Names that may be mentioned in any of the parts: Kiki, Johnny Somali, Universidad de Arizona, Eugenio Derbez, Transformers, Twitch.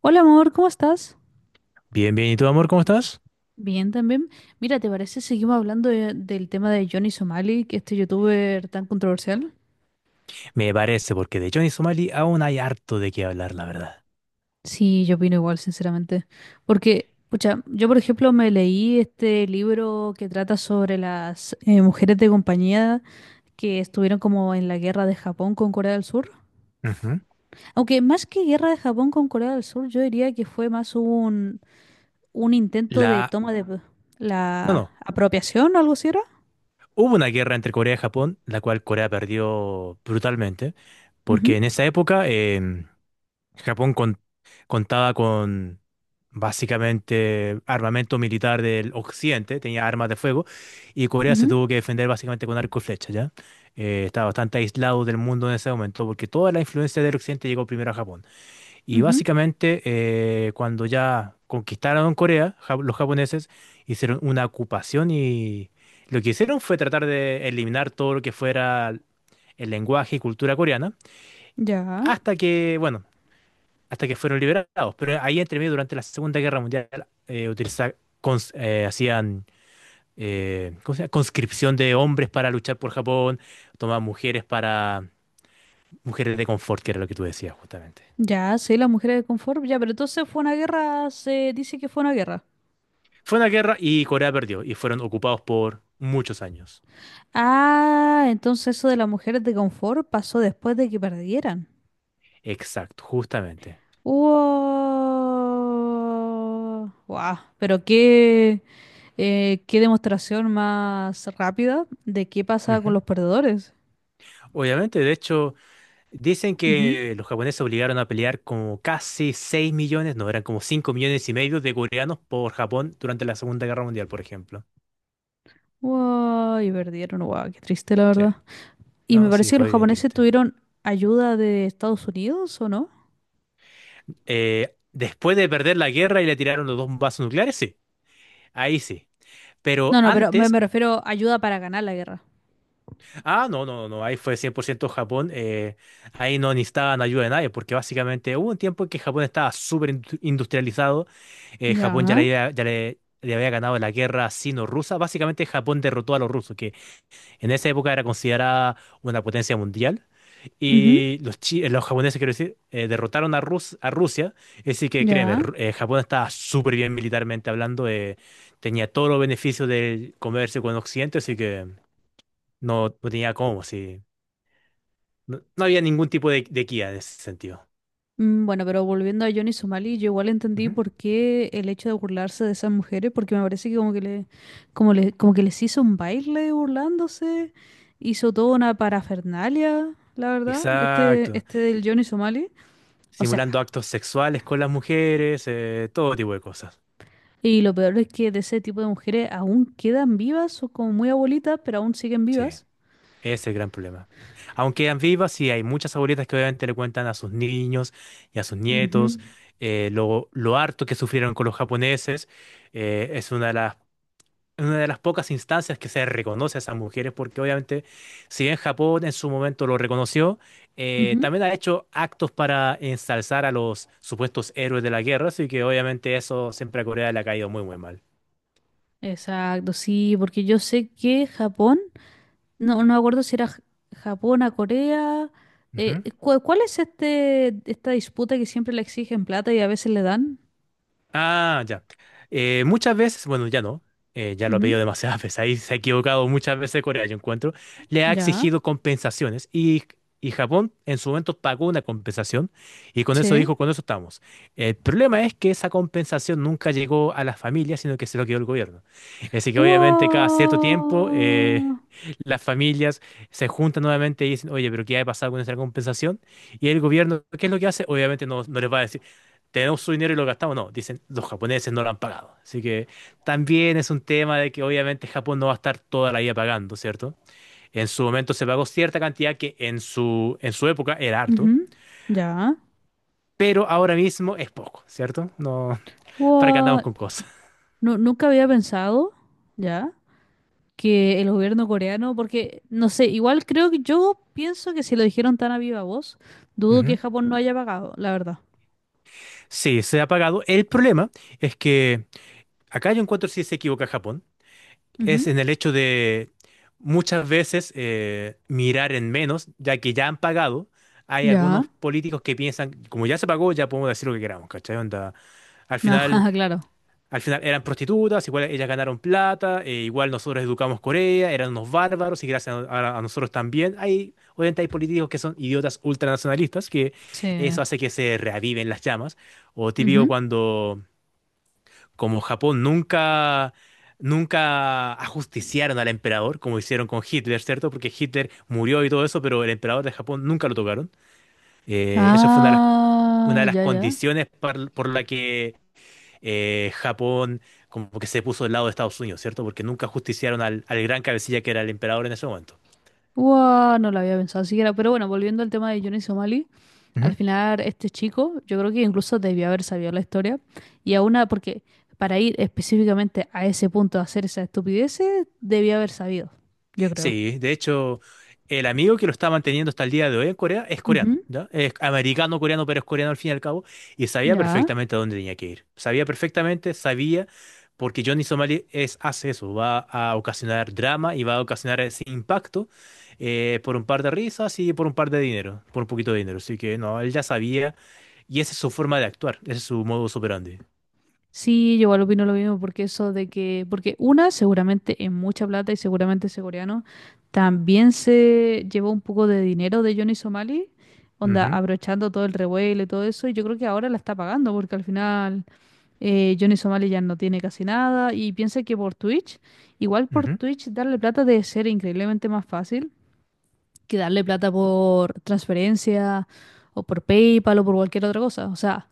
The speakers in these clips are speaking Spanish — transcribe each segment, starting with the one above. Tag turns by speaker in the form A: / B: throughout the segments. A: Hola amor, ¿cómo estás?
B: Bien, bien. ¿Y tú, amor, cómo estás?
A: Bien también. Mira, ¿te parece? Seguimos hablando del tema de Johnny Somali, que este youtuber tan controversial.
B: Me parece, porque de Johnny Somali aún hay harto de qué hablar, la verdad.
A: Sí, yo opino igual, sinceramente. Porque, pucha, yo por ejemplo me leí este libro que trata sobre las mujeres de compañía que estuvieron como en la guerra de Japón con Corea del Sur.
B: Ujú.
A: Aunque más que guerra de Japón con Corea del Sur, yo diría que fue más un intento de
B: La...
A: toma de
B: No,
A: la
B: no.
A: apropiación, algo así era.
B: Hubo una guerra entre Corea y Japón, la cual Corea perdió brutalmente, porque
A: Ujú,
B: en esa época Japón contaba con básicamente armamento militar del occidente, tenía armas de fuego, y Corea se
A: ujú,
B: tuvo que defender básicamente con arco y flecha, ¿ya? Estaba bastante aislado del mundo en ese momento, porque toda la influencia del occidente llegó primero a Japón. Y
A: ujú.
B: básicamente, cuando ya conquistaron Corea, los japoneses hicieron una ocupación y lo que hicieron fue tratar de eliminar todo lo que fuera el lenguaje y cultura coreana,
A: Ya,
B: bueno, hasta que fueron liberados. Pero ahí entre medio, durante la Segunda Guerra Mundial, eh, utiliza- hacían ¿cómo se llama? Conscripción de hombres para luchar por Japón, tomaban mujeres para mujeres de confort, que era lo que tú decías justamente.
A: ya, sí, las mujeres de confort, ya, pero entonces fue una guerra, se dice que fue una guerra.
B: Fue una guerra y Corea perdió y fueron ocupados por muchos años.
A: Ah, entonces eso de las mujeres de confort pasó después de que perdieran.
B: Exacto, justamente.
A: ¡Wow! ¡Wow! Pero qué, qué demostración más rápida de qué pasa con
B: Ujú.
A: los perdedores.
B: Obviamente, de hecho, dicen
A: Ujú.
B: que los japoneses obligaron a pelear como casi 6 millones, no, eran como 5,5 millones de coreanos por Japón durante la Segunda Guerra Mundial, por ejemplo.
A: ¡Wow! Y perdieron, ¡wow! Qué triste, la
B: Sí,
A: verdad. Y me
B: no, sí,
A: parece que los
B: fue bien
A: japoneses
B: triste.
A: tuvieron ayuda de Estados Unidos, ¿o no?
B: Después de perder la guerra y le tiraron los dos vasos nucleares, sí, ahí sí. Pero
A: No, no, pero me,
B: antes.
A: me refiero a ayuda para ganar la guerra.
B: Ah, no, no, no, ahí fue 100% Japón. Ahí no necesitaban ayuda de nadie, porque básicamente hubo un tiempo en que Japón estaba súper industrializado. Japón ya le
A: Ya,
B: había, ya le, le había ganado la guerra sino-rusa. Básicamente Japón derrotó a los rusos, que en esa época era considerada una potencia mundial.
A: ujú,
B: Y los japoneses, quiero decir, derrotaron a Rusia. Así que créeme,
A: ya.
B: Japón estaba súper bien militarmente hablando. Tenía todos los beneficios del comercio con Occidente, así que no, no tenía cómo, sí. No, no había ningún tipo de guía en ese sentido.
A: Bueno, pero volviendo a Johnny Somali, yo igual entendí
B: Ujú.
A: por qué el hecho de burlarse de esas mujeres, porque me parece que como que le, como que les hizo un baile burlándose, hizo toda una parafernalia, la verdad, este,
B: Exacto.
A: este del Johnny Somali. O sea,
B: Simulando actos sexuales con las mujeres, todo tipo de cosas.
A: y lo peor es que de ese tipo de mujeres aún quedan vivas, o como muy abuelitas, pero aún siguen
B: Sí, ese
A: vivas.
B: es el gran problema. Aunque quedan vivas, sí, hay muchas abuelitas que obviamente le cuentan a sus niños y a sus
A: Ujú,
B: nietos lo harto que sufrieron con los japoneses. Es una de las En una de las pocas instancias que se reconoce a esas mujeres, porque obviamente, si bien Japón en su momento lo reconoció,
A: ujú.
B: también ha hecho actos para ensalzar a los supuestos héroes de la guerra, así que obviamente eso siempre a Corea le ha caído muy, muy mal.
A: Exacto, sí, porque yo sé que Japón. No, no me acuerdo si era Japón a Corea. ¿Cuál es esta disputa que siempre le exigen plata y a veces le dan?
B: Ah, ya. Muchas veces, bueno, ya no, ya lo ha
A: Ujú,
B: pedido demasiadas veces, ahí se ha equivocado muchas veces Corea, yo encuentro, le ha
A: ya,
B: exigido compensaciones y Japón en su momento pagó una compensación y con eso
A: sí.
B: dijo, con eso estamos. El problema es que esa compensación nunca llegó a las familias, sino que se lo quedó el gobierno. Así que obviamente cada cierto tiempo
A: ¡Wow!
B: las familias se juntan nuevamente y dicen, oye, pero ¿qué ha pasado con esa compensación? Y el gobierno, ¿qué es lo que hace? Obviamente no, no les va a decir, tenemos su dinero y lo gastamos. No, dicen, los japoneses no lo han pagado. Así que también es un tema de que obviamente Japón no va a estar toda la vida pagando, ¿cierto? En su momento se pagó cierta cantidad que en su época era harto,
A: Ujú, ya.
B: pero ahora mismo es poco, ¿cierto? No, para que andamos
A: ¡Wow!
B: con cosas.
A: No, nunca había pensado, ya, que el gobierno coreano, porque, no sé, igual creo que yo pienso que si lo dijeron tan a viva voz, dudo que
B: Ujú.
A: Japón no haya pagado, la verdad.
B: Sí, se ha pagado. El problema es que acá yo encuentro si se equivoca Japón es
A: Ujú,
B: en el hecho de muchas veces mirar en menos, ya que ya han pagado. Hay algunos
A: ya.
B: políticos que piensan, como ya se pagó, ya podemos decir lo que queramos, ¿cachai? Onda, al final,
A: Ah, claro.
B: al final eran prostitutas, igual ellas ganaron plata, igual nosotros educamos Corea, eran unos bárbaros y gracias a nosotros también. Obviamente hay políticos que son idiotas ultranacionalistas, que
A: Sí.
B: eso hace que se reaviven las llamas. O típico cuando como Japón nunca, nunca ajusticiaron al emperador, como hicieron con Hitler, ¿cierto? Porque Hitler murió y todo eso, pero el emperador de Japón nunca lo tocaron. Esa fue una de las, una
A: Ah,
B: de las
A: ya, ya.
B: condiciones por la que Japón como que se puso del lado de Estados Unidos, ¿cierto? Porque nunca ajusticiaron al gran cabecilla que era el emperador en ese momento.
A: Guau, no lo había pensado siquiera. Pero bueno, volviendo al tema de Johnny Somali, al final este chico, yo creo que incluso debió haber sabido la historia. Y a una, porque para ir específicamente a ese punto a hacer esa estupidez, debió haber sabido, yo creo.
B: Sí, de hecho, el amigo que lo está manteniendo hasta el día de hoy en Corea es coreano,
A: Ujú,
B: ¿ya? Es americano-coreano, pero es coreano al fin y al cabo, y sabía
A: ya.
B: perfectamente a dónde tenía que ir. Sabía perfectamente, sabía, porque Johnny Somali es, hace eso, va a ocasionar drama y va a ocasionar ese impacto por un par de risas y por un par de dinero, por un poquito de dinero. Así que no, él ya sabía, y esa es su forma de actuar, ese es su modo operandi.
A: Sí, yo igual opino lo mismo, porque eso de que, porque una seguramente es mucha plata y seguramente ese coreano también se llevó un poco de dinero de Johnny Somali, onda,
B: Ujú,
A: abrochando todo el revuelo y todo eso, y yo creo que ahora la está pagando, porque al final Johnny Somali ya no tiene casi nada, y piensa que por Twitch, igual por
B: ujú.
A: Twitch darle plata debe ser increíblemente más fácil que darle plata por transferencia o por PayPal o por cualquier otra cosa, o sea.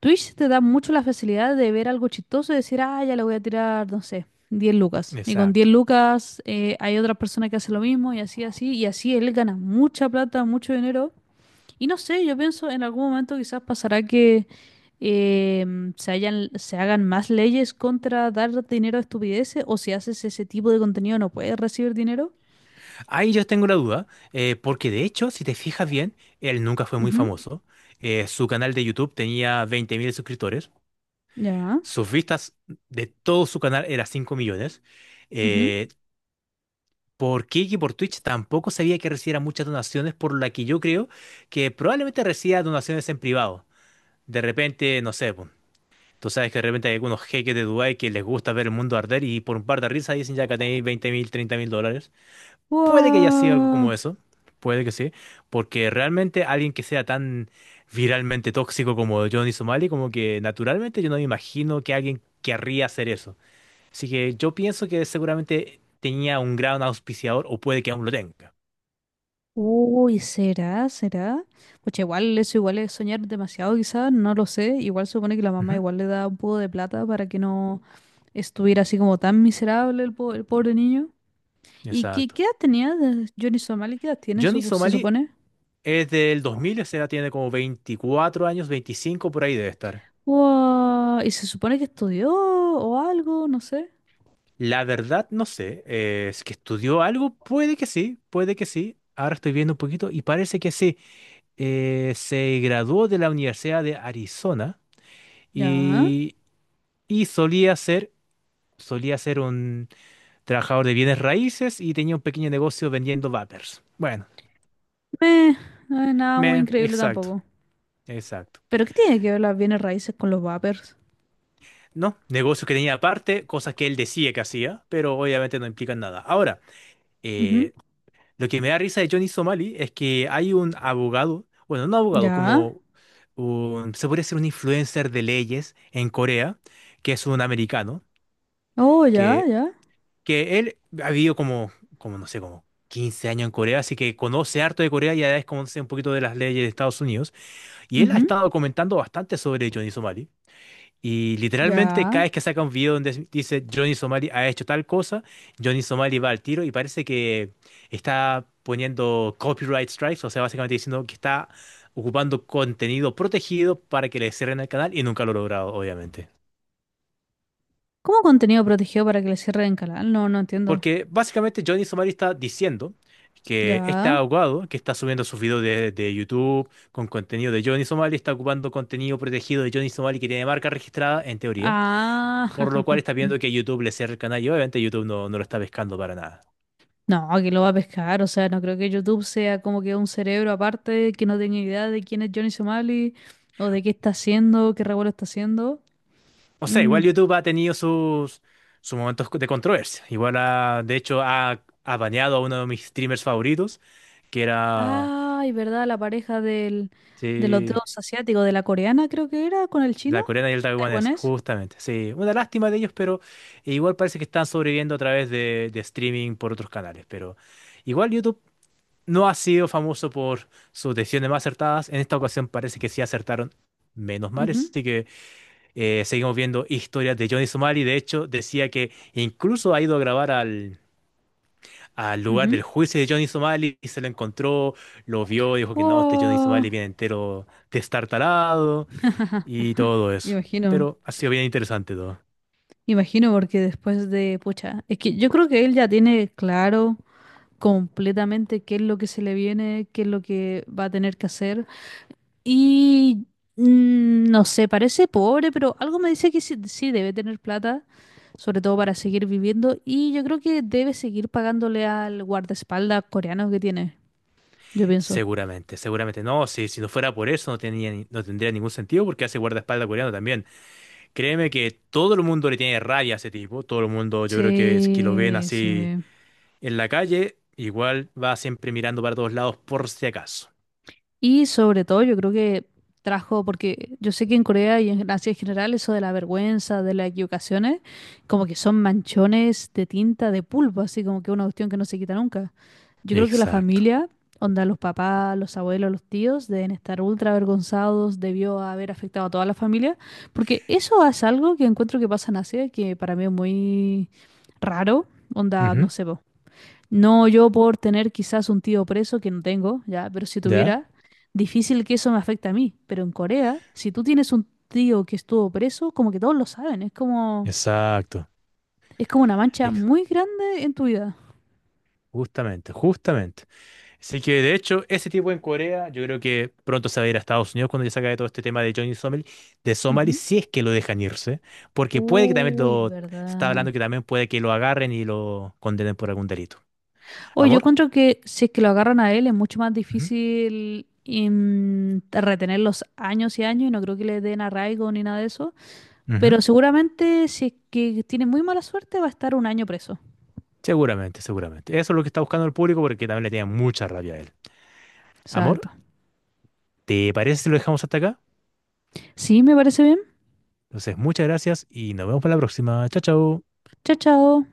A: Twitch te da mucho la facilidad de ver algo chistoso y decir, ah, ya le voy a tirar, no sé, 10 lucas. Y con 10
B: Exacto.
A: lucas hay otra persona que hace lo mismo y así, así, y así él gana mucha plata, mucho dinero. Y no sé, yo pienso en algún momento quizás pasará que se hagan más leyes contra dar dinero a estupideces o si haces ese tipo de contenido no puedes recibir dinero.
B: Ahí yo tengo una duda, porque de hecho, si te fijas bien, él nunca fue muy
A: Ujú,
B: famoso. Su canal de YouTube tenía 20.000 suscriptores.
A: ya.
B: Sus vistas de todo su canal eran 5 millones.
A: Ujú.
B: Eh, por Kiki, por Twitch, tampoco sabía que recibiera muchas donaciones, por la que yo creo que probablemente reciba donaciones en privado. De repente, no sé, po, tú sabes que de repente hay algunos jeques de Dubái que les gusta ver el mundo arder y por un par de risas dicen ya que tenéis 20.000, mil dólares. Puede que haya sido algo como
A: Guau.
B: eso, puede que sí, porque realmente alguien que sea tan viralmente tóxico como Johnny Somali, como que naturalmente yo no me imagino que alguien querría hacer eso. Así que yo pienso que seguramente tenía un gran auspiciador o puede que aún lo tenga.
A: Uy, ¿será? ¿Será? Pues igual eso igual es soñar demasiado quizás, no lo sé. Igual se supone que la mamá
B: Ujú.
A: igual le da un poco de plata para que no estuviera así como tan miserable el pobre niño. ¿Y qué,
B: Exacto.
A: qué edad tenía Johnny Somali? ¿Qué edad tiene,
B: Johnny
A: se
B: Somali
A: supone?
B: es del 2000, o sea, tiene como 24 años, 25 por ahí debe estar.
A: Wow, y se supone que estudió o algo, no sé.
B: La verdad no sé, si es que estudió algo, puede que sí, puede que sí. Ahora estoy viendo un poquito y parece que sí. Se graduó de la Universidad de Arizona
A: Ya.
B: y, y, solía ser un trabajador de bienes raíces y tenía un pequeño negocio vendiendo vapers. Bueno,
A: Meh, no es nada muy increíble
B: exacto,
A: tampoco.
B: exacto.
A: ¿Pero qué tiene que ver las bienes raíces con los vapers?
B: No, negocio que tenía aparte, cosas que él decía que hacía, pero obviamente no implican nada. Ahora,
A: Ujú,
B: eh, lo que me da risa de Johnny Somali es que hay un abogado, bueno, no abogado,
A: ya.
B: se podría decir un influencer de leyes en Corea, que es un americano
A: Oh, ya,
B: que
A: ya.
B: él ha vivido como no sé, como 15 años en Corea, así que conoce harto de Corea y además conoce un poquito de las leyes de Estados Unidos. Y él ha
A: Ujú,
B: estado comentando bastante sobre Johnny Somali. Y literalmente
A: ya.
B: cada vez que saca un video donde dice Johnny Somali ha hecho tal cosa, Johnny Somali va al tiro y parece que está poniendo copyright strikes, o sea, básicamente diciendo que está ocupando contenido protegido para que le cierren el canal y nunca lo ha logrado, obviamente.
A: ¿Cómo contenido protegido para que le cierren el canal? No, no entiendo.
B: Porque básicamente Johnny Somari está diciendo que este
A: Ya.
B: abogado que está subiendo sus videos de YouTube con contenido de Johnny Somali está ocupando contenido protegido de Johnny Somali que tiene marca registrada en teoría,
A: Ah.
B: por lo cual está viendo que YouTube le cierra el canal y obviamente YouTube no, no lo está pescando para nada.
A: No, que lo va a pescar. O sea, no creo que YouTube sea como que un cerebro aparte que no tenga idea de quién es Johnny Somali o de qué está haciendo, qué revuelo está haciendo.
B: O sea,
A: Mm.
B: igual YouTube ha tenido sus momentos de controversia. Igual de hecho ha baneado a uno de mis streamers favoritos, que era,
A: Ay, ¿verdad? La pareja de los
B: sí,
A: dos asiáticos, de la coreana creo que era, con el
B: la
A: chino,
B: coreana y el taiwanés,
A: taiwanés.
B: justamente. Sí, una lástima de ellos, pero igual parece que están sobreviviendo a través de streaming por otros canales. Pero igual YouTube no ha sido famoso por sus decisiones más acertadas. En esta ocasión parece que sí acertaron, menos mal.
A: Ujú,
B: Así que seguimos viendo historias de Johnny Somali. De hecho, decía que incluso ha ido a grabar al lugar
A: ujú.
B: del juicio de Johnny Somali y se lo encontró, lo vio, dijo que no, este Johnny
A: Wow.
B: Somali viene entero destartalado y todo eso.
A: Imagino,
B: Pero ha sido bien interesante todo.
A: imagino porque después de, pucha, es que yo creo que él ya tiene claro completamente qué es lo que se le viene, qué es lo que va a tener que hacer. Y no sé, parece pobre, pero algo me dice que sí, sí debe tener plata, sobre todo para seguir viviendo. Y yo creo que debe seguir pagándole al guardaespaldas coreano que tiene, yo pienso.
B: Seguramente, seguramente. No, si no fuera por eso, no tenía, no tendría ningún sentido porque hace guardaespaldas coreano también. Créeme que todo el mundo le tiene rabia a ese tipo. Todo el mundo, yo creo que es que lo ven
A: Sí,
B: así
A: sí.
B: en la calle, igual va siempre mirando para todos lados por si acaso.
A: Y sobre todo yo creo que trajo, porque yo sé que en Corea y en Asia en general eso de la vergüenza, de las equivocaciones, como que son manchones de tinta, de pulpo, así como que una cuestión que no se quita nunca. Yo creo que la
B: Exacto.
A: familia, onda los papás, los abuelos, los tíos, deben estar ultra avergonzados, debió haber afectado a toda la familia, porque eso es algo que encuentro que pasa en Asia, que para mí es muy raro, onda, no
B: Ujú.
A: sé, po. No, yo por tener quizás un tío preso, que no tengo, ya, pero si
B: ¿Ya?
A: tuviera, difícil que eso me afecte a mí. Pero en Corea, si tú tienes un tío que estuvo preso, como que todos lo saben, es como,
B: Exacto.
A: es como una mancha
B: Ex-
A: muy grande en tu vida.
B: Justamente, justamente. Así que de hecho, ese tipo en Corea, yo creo que pronto se va a ir a Estados Unidos cuando ya se acabe todo este tema de Johnny Somali,
A: Ujú.
B: si es que lo dejan irse, porque puede que también
A: Uy, es
B: lo, se está
A: verdad.
B: hablando que también puede que lo agarren y lo condenen por algún delito.
A: Oye, yo
B: ¿Amor?
A: encuentro que si es que lo agarran a él es mucho más
B: Ujú,
A: difícil retener los años y años y no creo que le den arraigo ni nada de eso.
B: ujú.
A: Pero seguramente si es que tiene muy mala suerte va a estar un año preso.
B: Seguramente, seguramente. Eso es lo que está buscando el público porque también le tiene mucha rabia a él. ¿Amor?
A: Exacto.
B: ¿Te parece si lo dejamos hasta acá?
A: Sí, me parece bien.
B: Entonces, muchas gracias y nos vemos para la próxima. Chao, chao.
A: Chao, chao.